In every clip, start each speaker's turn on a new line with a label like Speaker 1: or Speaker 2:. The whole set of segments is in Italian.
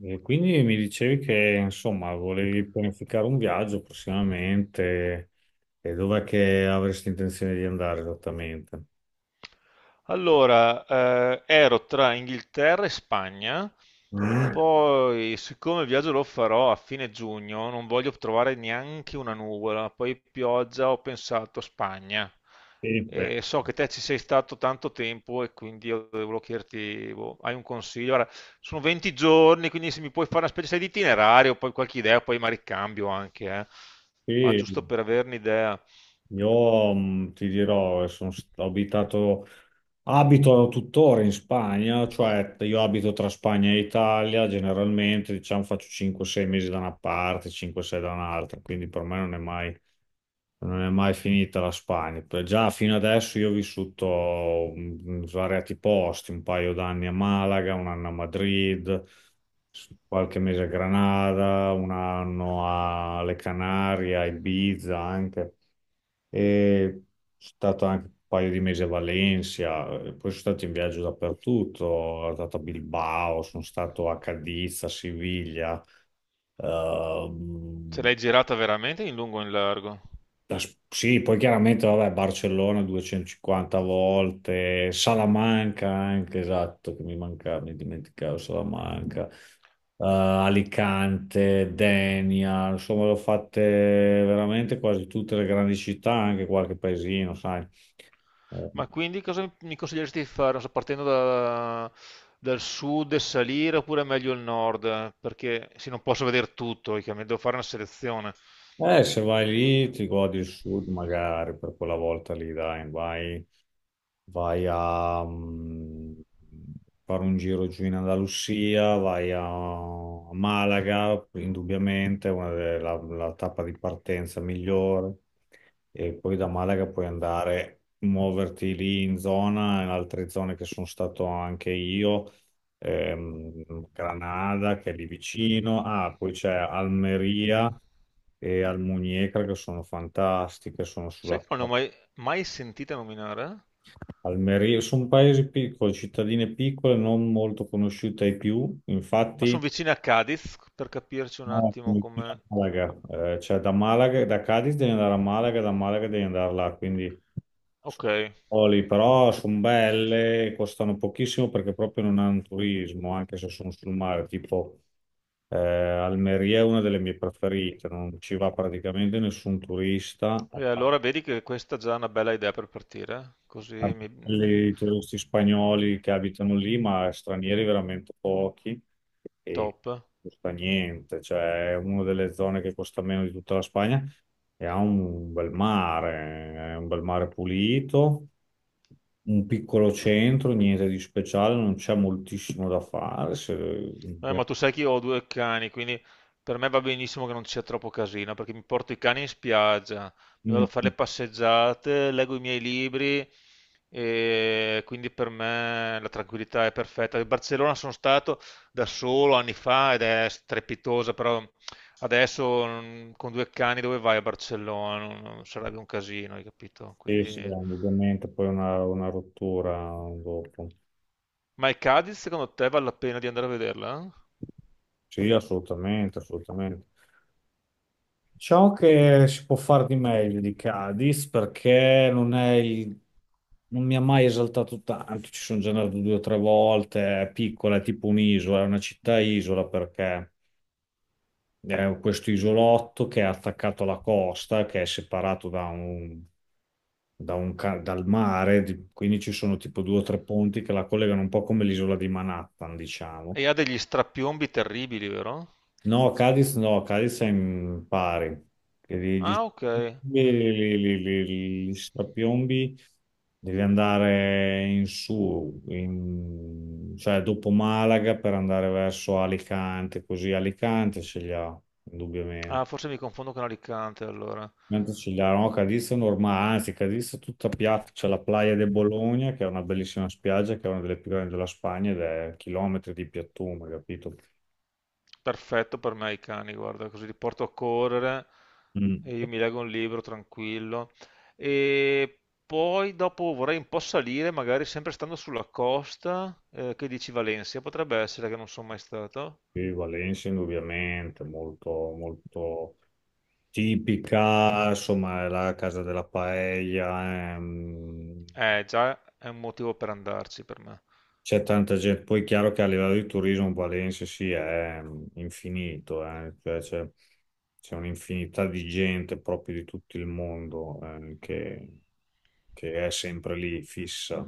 Speaker 1: E quindi mi dicevi che insomma volevi pianificare un viaggio prossimamente e dov'è che avresti intenzione di andare esattamente?
Speaker 2: Allora, ero tra Inghilterra e Spagna,
Speaker 1: Mm,
Speaker 2: poi siccome il viaggio lo farò a fine giugno, non voglio trovare neanche una nuvola, poi pioggia, ho pensato a Spagna.
Speaker 1: sì, beh,
Speaker 2: E so che te ci sei stato tanto tempo e quindi io volevo chiederti, boh, hai un consiglio? Guarda, sono 20 giorni, quindi se mi puoi fare una specie sai, di itinerario, poi qualche idea, poi ma ricambio anche, eh. Ma
Speaker 1: sì,
Speaker 2: giusto per averne idea,
Speaker 1: io ti dirò, sono, st- ho abitato abito tuttora in Spagna, cioè io abito tra Spagna e Italia, generalmente diciamo faccio 5-6 mesi da una parte, 5-6 da un'altra, quindi per me non è mai finita la Spagna. Già fino adesso io ho vissuto in svariati posti, un paio d'anni a Malaga, un anno a Madrid, qualche mese a Granada, un anno alle Canarie, a Ibiza anche. E stato anche un paio di mesi a Valencia, poi sono stato in viaggio dappertutto, sono stato a Bilbao, sono stato a Cadiz, a Siviglia,
Speaker 2: ce
Speaker 1: ehm,
Speaker 2: l'hai girata veramente in lungo e in largo?
Speaker 1: sì, poi chiaramente, vabbè, Barcellona 250 volte, Salamanca anche, esatto, che mi mancava, mi dimenticavo Salamanca. Alicante, Denia, insomma, l'ho fatte veramente quasi tutte le grandi città, anche qualche paesino, sai. Ehm,
Speaker 2: Ma quindi cosa mi consiglieresti di fare? Non so, dal sud e salire oppure meglio il nord? Perché sì, non posso vedere tutto, chiaramente devo fare una selezione.
Speaker 1: Se vai lì ti godi il sud magari per quella volta lì, dai, vai a fare un giro giù in Andalusia, vai a Malaga, indubbiamente, la tappa di partenza migliore e poi da Malaga puoi andare, muoverti lì in zona, in altre zone che sono stato anche io, Granada che è lì vicino. Ah, poi c'è Almeria e Almuñécar che sono fantastiche, sono
Speaker 2: Sai
Speaker 1: sulla
Speaker 2: che non ne ho mai, mai sentita nominare?
Speaker 1: Almeria, sono paesi piccoli, cittadine piccole, non molto conosciute ai più,
Speaker 2: Ma
Speaker 1: infatti.
Speaker 2: sono vicina a Cadiz, per capirci un
Speaker 1: No,
Speaker 2: attimo
Speaker 1: Fiorentina
Speaker 2: come...
Speaker 1: a Malaga. Cioè da Malaga, da Cadiz devi andare a Malaga, da Malaga devi andare là, quindi
Speaker 2: Ok, e
Speaker 1: Oli, però sono belle, costano pochissimo perché proprio non hanno turismo, anche se sono sul mare, tipo Almeria è una delle mie preferite, non ci va praticamente nessun turista,
Speaker 2: allora vedi che questa è già una bella idea per partire, così mi...
Speaker 1: i turisti spagnoli che abitano lì, ma stranieri veramente pochi e
Speaker 2: top.
Speaker 1: costa niente, cioè è una delle zone che costa meno di tutta la Spagna e ha un bel mare, è un bel mare pulito, un piccolo centro, niente di speciale, non c'è moltissimo da fare, se,
Speaker 2: Ma tu sai che io ho due cani, quindi per me va benissimo che non ci sia troppo casino, perché mi porto i cani in spiaggia, mi
Speaker 1: Mm,
Speaker 2: vado a fare le passeggiate, leggo i miei libri e quindi per me la tranquillità è perfetta. A Barcellona sono stato da solo anni fa ed è strepitosa, però adesso con due cani dove vai a Barcellona? Non sarebbe un casino, hai capito?
Speaker 1: sì, sì,
Speaker 2: Quindi...
Speaker 1: ovviamente poi una rottura dopo.
Speaker 2: Ma il Cadiz secondo te vale la pena di andare a vederla?
Speaker 1: Sì, assolutamente, assolutamente. Ciò che si può fare di meglio di Cadiz perché non è il- non mi ha mai esaltato tanto, ci sono già andato due o tre volte, è piccola, è tipo un'isola, è una città-isola perché è questo isolotto che è attaccato alla costa, che è separato da un, dal mare, quindi ci sono tipo due o tre ponti che la collegano un po' come l'isola di Manhattan, diciamo.
Speaker 2: E ha degli strapiombi terribili, vero?
Speaker 1: No, Cadiz no, Cadiz è in pari, che li, gli,
Speaker 2: Ah, ok.
Speaker 1: li, li- li- gli strapiombi devi andare in su, cioè dopo Malaga per andare verso Alicante, così Alicante ce li ha,
Speaker 2: Ah,
Speaker 1: indubbiamente.
Speaker 2: forse mi confondo con Alicante allora.
Speaker 1: Mentre ce li ha, no, Cadiz è normale, anzi Cadiz è tutta piatta, c'è la Playa de Bologna che è una bellissima spiaggia, che è una delle più grandi della Spagna ed è chilometri di piattume, capito?
Speaker 2: Perfetto per me i cani, guarda, così li porto a correre
Speaker 1: Mm.
Speaker 2: e io mi leggo un libro tranquillo. E poi dopo vorrei un po' salire, magari sempre stando sulla costa, che dici Valencia, potrebbe essere che non sono mai stato.
Speaker 1: Sì, Valencia indubbiamente, molto, molto tipica, insomma, è la casa della paella,
Speaker 2: Già è un motivo per andarci per me.
Speaker 1: c'è tanta gente, poi è chiaro che a livello di turismo Valencia sì, è infinito, cioè c'è un'infinità di gente proprio di tutto il mondo, che, è sempre lì, fissa,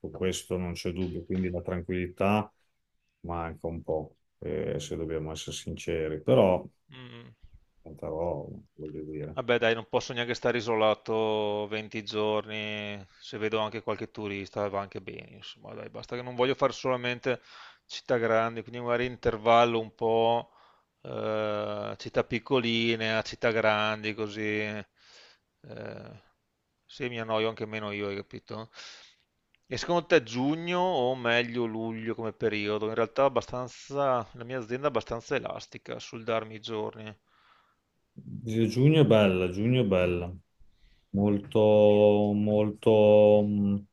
Speaker 1: su questo non c'è dubbio, quindi la tranquillità manca un po', se dobbiamo essere sinceri, però.
Speaker 2: Mm.
Speaker 1: Tanta roba, voglio dire.
Speaker 2: Vabbè dai, non posso neanche stare isolato 20 giorni, se vedo anche qualche turista va anche bene, insomma, dai, basta che non voglio fare solamente città grandi, quindi magari intervallo un po' città piccoline a città grandi, così se mi annoio anche meno io, hai capito? E secondo te giugno o meglio luglio come periodo? In realtà abbastanza, la mia azienda è abbastanza elastica sul darmi i giorni.
Speaker 1: Giugno è bella, giugno è bella. Molto, molto,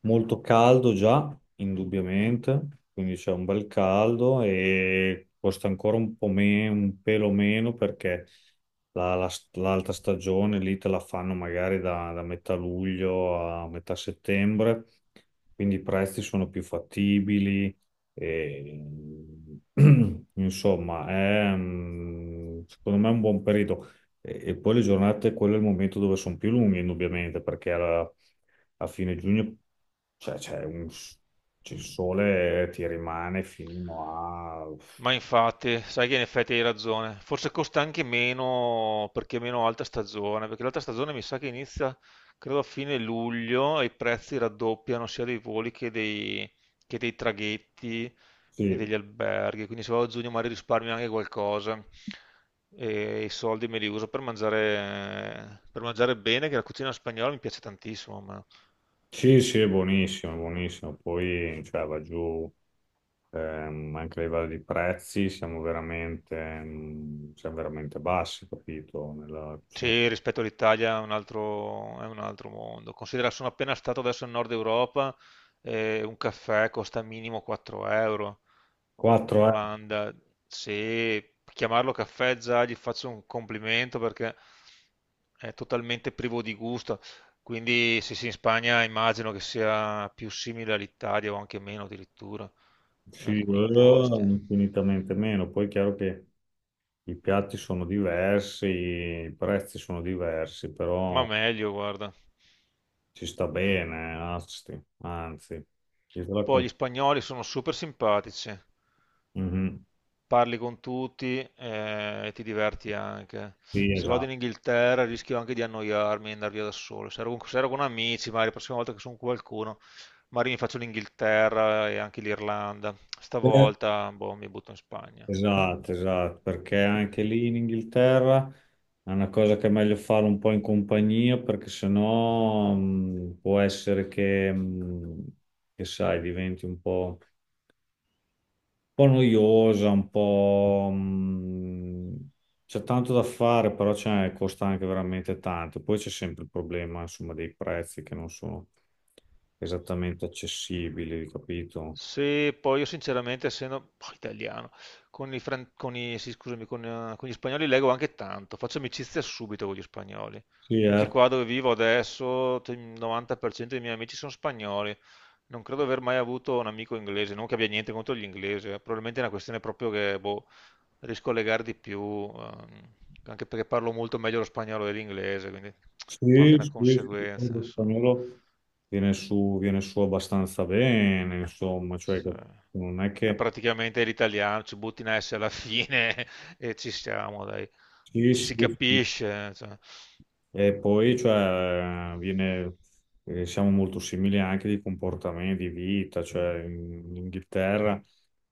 Speaker 1: molto caldo già, indubbiamente, quindi c'è un bel caldo e costa ancora un po' meno, un pelo meno perché l'alta stagione lì te la fanno magari da metà luglio a metà settembre, quindi i prezzi sono più fattibili. E, insomma, secondo me è un buon periodo. E poi le giornate, quello è il momento dove sono più lunghe, indubbiamente, perché a fine giugno cioè, c'è il sole ti rimane fino a.
Speaker 2: Ma infatti, sai che in effetti hai ragione. Forse costa anche meno perché è meno alta stagione, perché l'alta stagione mi sa che inizia, credo, a fine luglio e i prezzi raddoppiano sia dei voli che dei traghetti e
Speaker 1: Sì,
Speaker 2: degli alberghi. Quindi se vado a giugno magari risparmio anche qualcosa e i soldi me li uso per mangiare bene, che la cucina spagnola mi piace tantissimo. A me.
Speaker 1: sì, sì, è buonissimo, è buonissimo. Poi cioè, va giù, anche a livello di prezzi, siamo veramente bassi, capito? Nella cucina.
Speaker 2: Sì, rispetto all'Italia è è un altro mondo. Considera, sono appena stato adesso in Nord Europa e un caffè costa minimo 4 euro in
Speaker 1: €4,
Speaker 2: Olanda. Se chiamarlo caffè già gli faccio un complimento perché è totalmente privo di gusto. Quindi sì, sì, in Spagna immagino che sia più simile all'Italia o anche meno addirittura in
Speaker 1: sì,
Speaker 2: alcuni posti.
Speaker 1: infinitamente meno. Poi è chiaro che i piatti sono diversi, i prezzi sono diversi,
Speaker 2: Ma
Speaker 1: però
Speaker 2: meglio, guarda.
Speaker 1: ci sta bene, anzi, anzi, io te la
Speaker 2: Poi
Speaker 1: con-
Speaker 2: gli spagnoli sono super simpatici.
Speaker 1: Mhm.
Speaker 2: Parli con tutti e ti diverti anche.
Speaker 1: Sì,
Speaker 2: Se vado
Speaker 1: esatto.
Speaker 2: in Inghilterra rischio anche di annoiarmi e andare via da solo. Se ero con amici, magari la prossima volta che sono con qualcuno, magari mi faccio l'Inghilterra e anche l'Irlanda.
Speaker 1: Eh,
Speaker 2: Stavolta, boh, mi butto in Spagna.
Speaker 1: esatto, esatto, perché anche lì in Inghilterra è una cosa che è meglio fare un po' in compagnia, perché sennò può essere che sai, diventi un po', noiosa, un po', c'è tanto da fare, però c'è, costa anche veramente tanto. Poi c'è sempre il problema, insomma, dei prezzi che non sono esattamente accessibili, capito?
Speaker 2: Se poi io sinceramente, essendo oh, italiano, con i, fran- con i- sì, scusami, con gli spagnoli leggo anche tanto, faccio amicizia subito con gli spagnoli.
Speaker 1: Sì,
Speaker 2: Anche
Speaker 1: eh.
Speaker 2: qua dove vivo adesso, il 90% dei miei amici sono spagnoli. Non credo di aver mai avuto un amico inglese, non che abbia niente contro gli inglesi, probabilmente è una questione proprio che boh, riesco a legare di più, ehm, anche perché parlo molto meglio lo spagnolo dell'inglese, quindi
Speaker 1: Sì,
Speaker 2: un po' anche una
Speaker 1: sì, sì, il
Speaker 2: conseguenza,
Speaker 1: fondo
Speaker 2: insomma.
Speaker 1: spagnolo viene su abbastanza bene, insomma, cioè
Speaker 2: Sì.
Speaker 1: non è
Speaker 2: È
Speaker 1: che.
Speaker 2: praticamente l'italiano, ci butti in S alla fine e ci siamo, dai.
Speaker 1: Sì,
Speaker 2: Ci
Speaker 1: sì,
Speaker 2: si
Speaker 1: sì.
Speaker 2: capisce. Cioè.
Speaker 1: E poi, cioè, siamo molto simili anche di comportamenti, di vita, cioè in, Inghilterra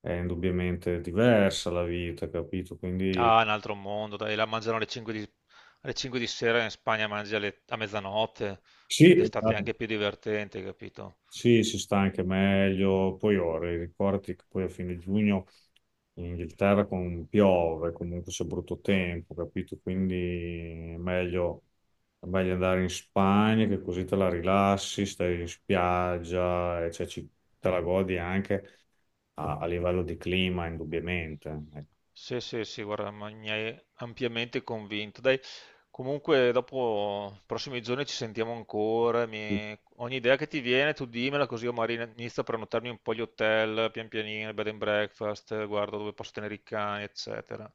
Speaker 1: è indubbiamente diversa la vita, capito? Quindi
Speaker 2: Ah, è un altro mondo, dai, la mangiano alle 5 di sera, in Spagna a mezzanotte, che
Speaker 1: sì.
Speaker 2: d'estate è anche più divertente, capito?
Speaker 1: Sì, si sta anche meglio. Poi ora, ricordi che poi a fine giugno in Inghilterra piove, comunque c'è brutto tempo, capito? Quindi è meglio, andare in Spagna che così te la rilassi, stai in spiaggia, e cioè te la godi anche a livello di clima, indubbiamente. Ecco.
Speaker 2: Sì, sì, sì, guarda, ma mi hai ampiamente convinto. Dai, comunque dopo, i prossimi giorni ci sentiamo ancora. Ogni idea che ti viene, tu dimmela così io magari inizio a prenotarmi un po' gli hotel, pian pianino, bed and breakfast, guardo dove posso tenere i cani, eccetera.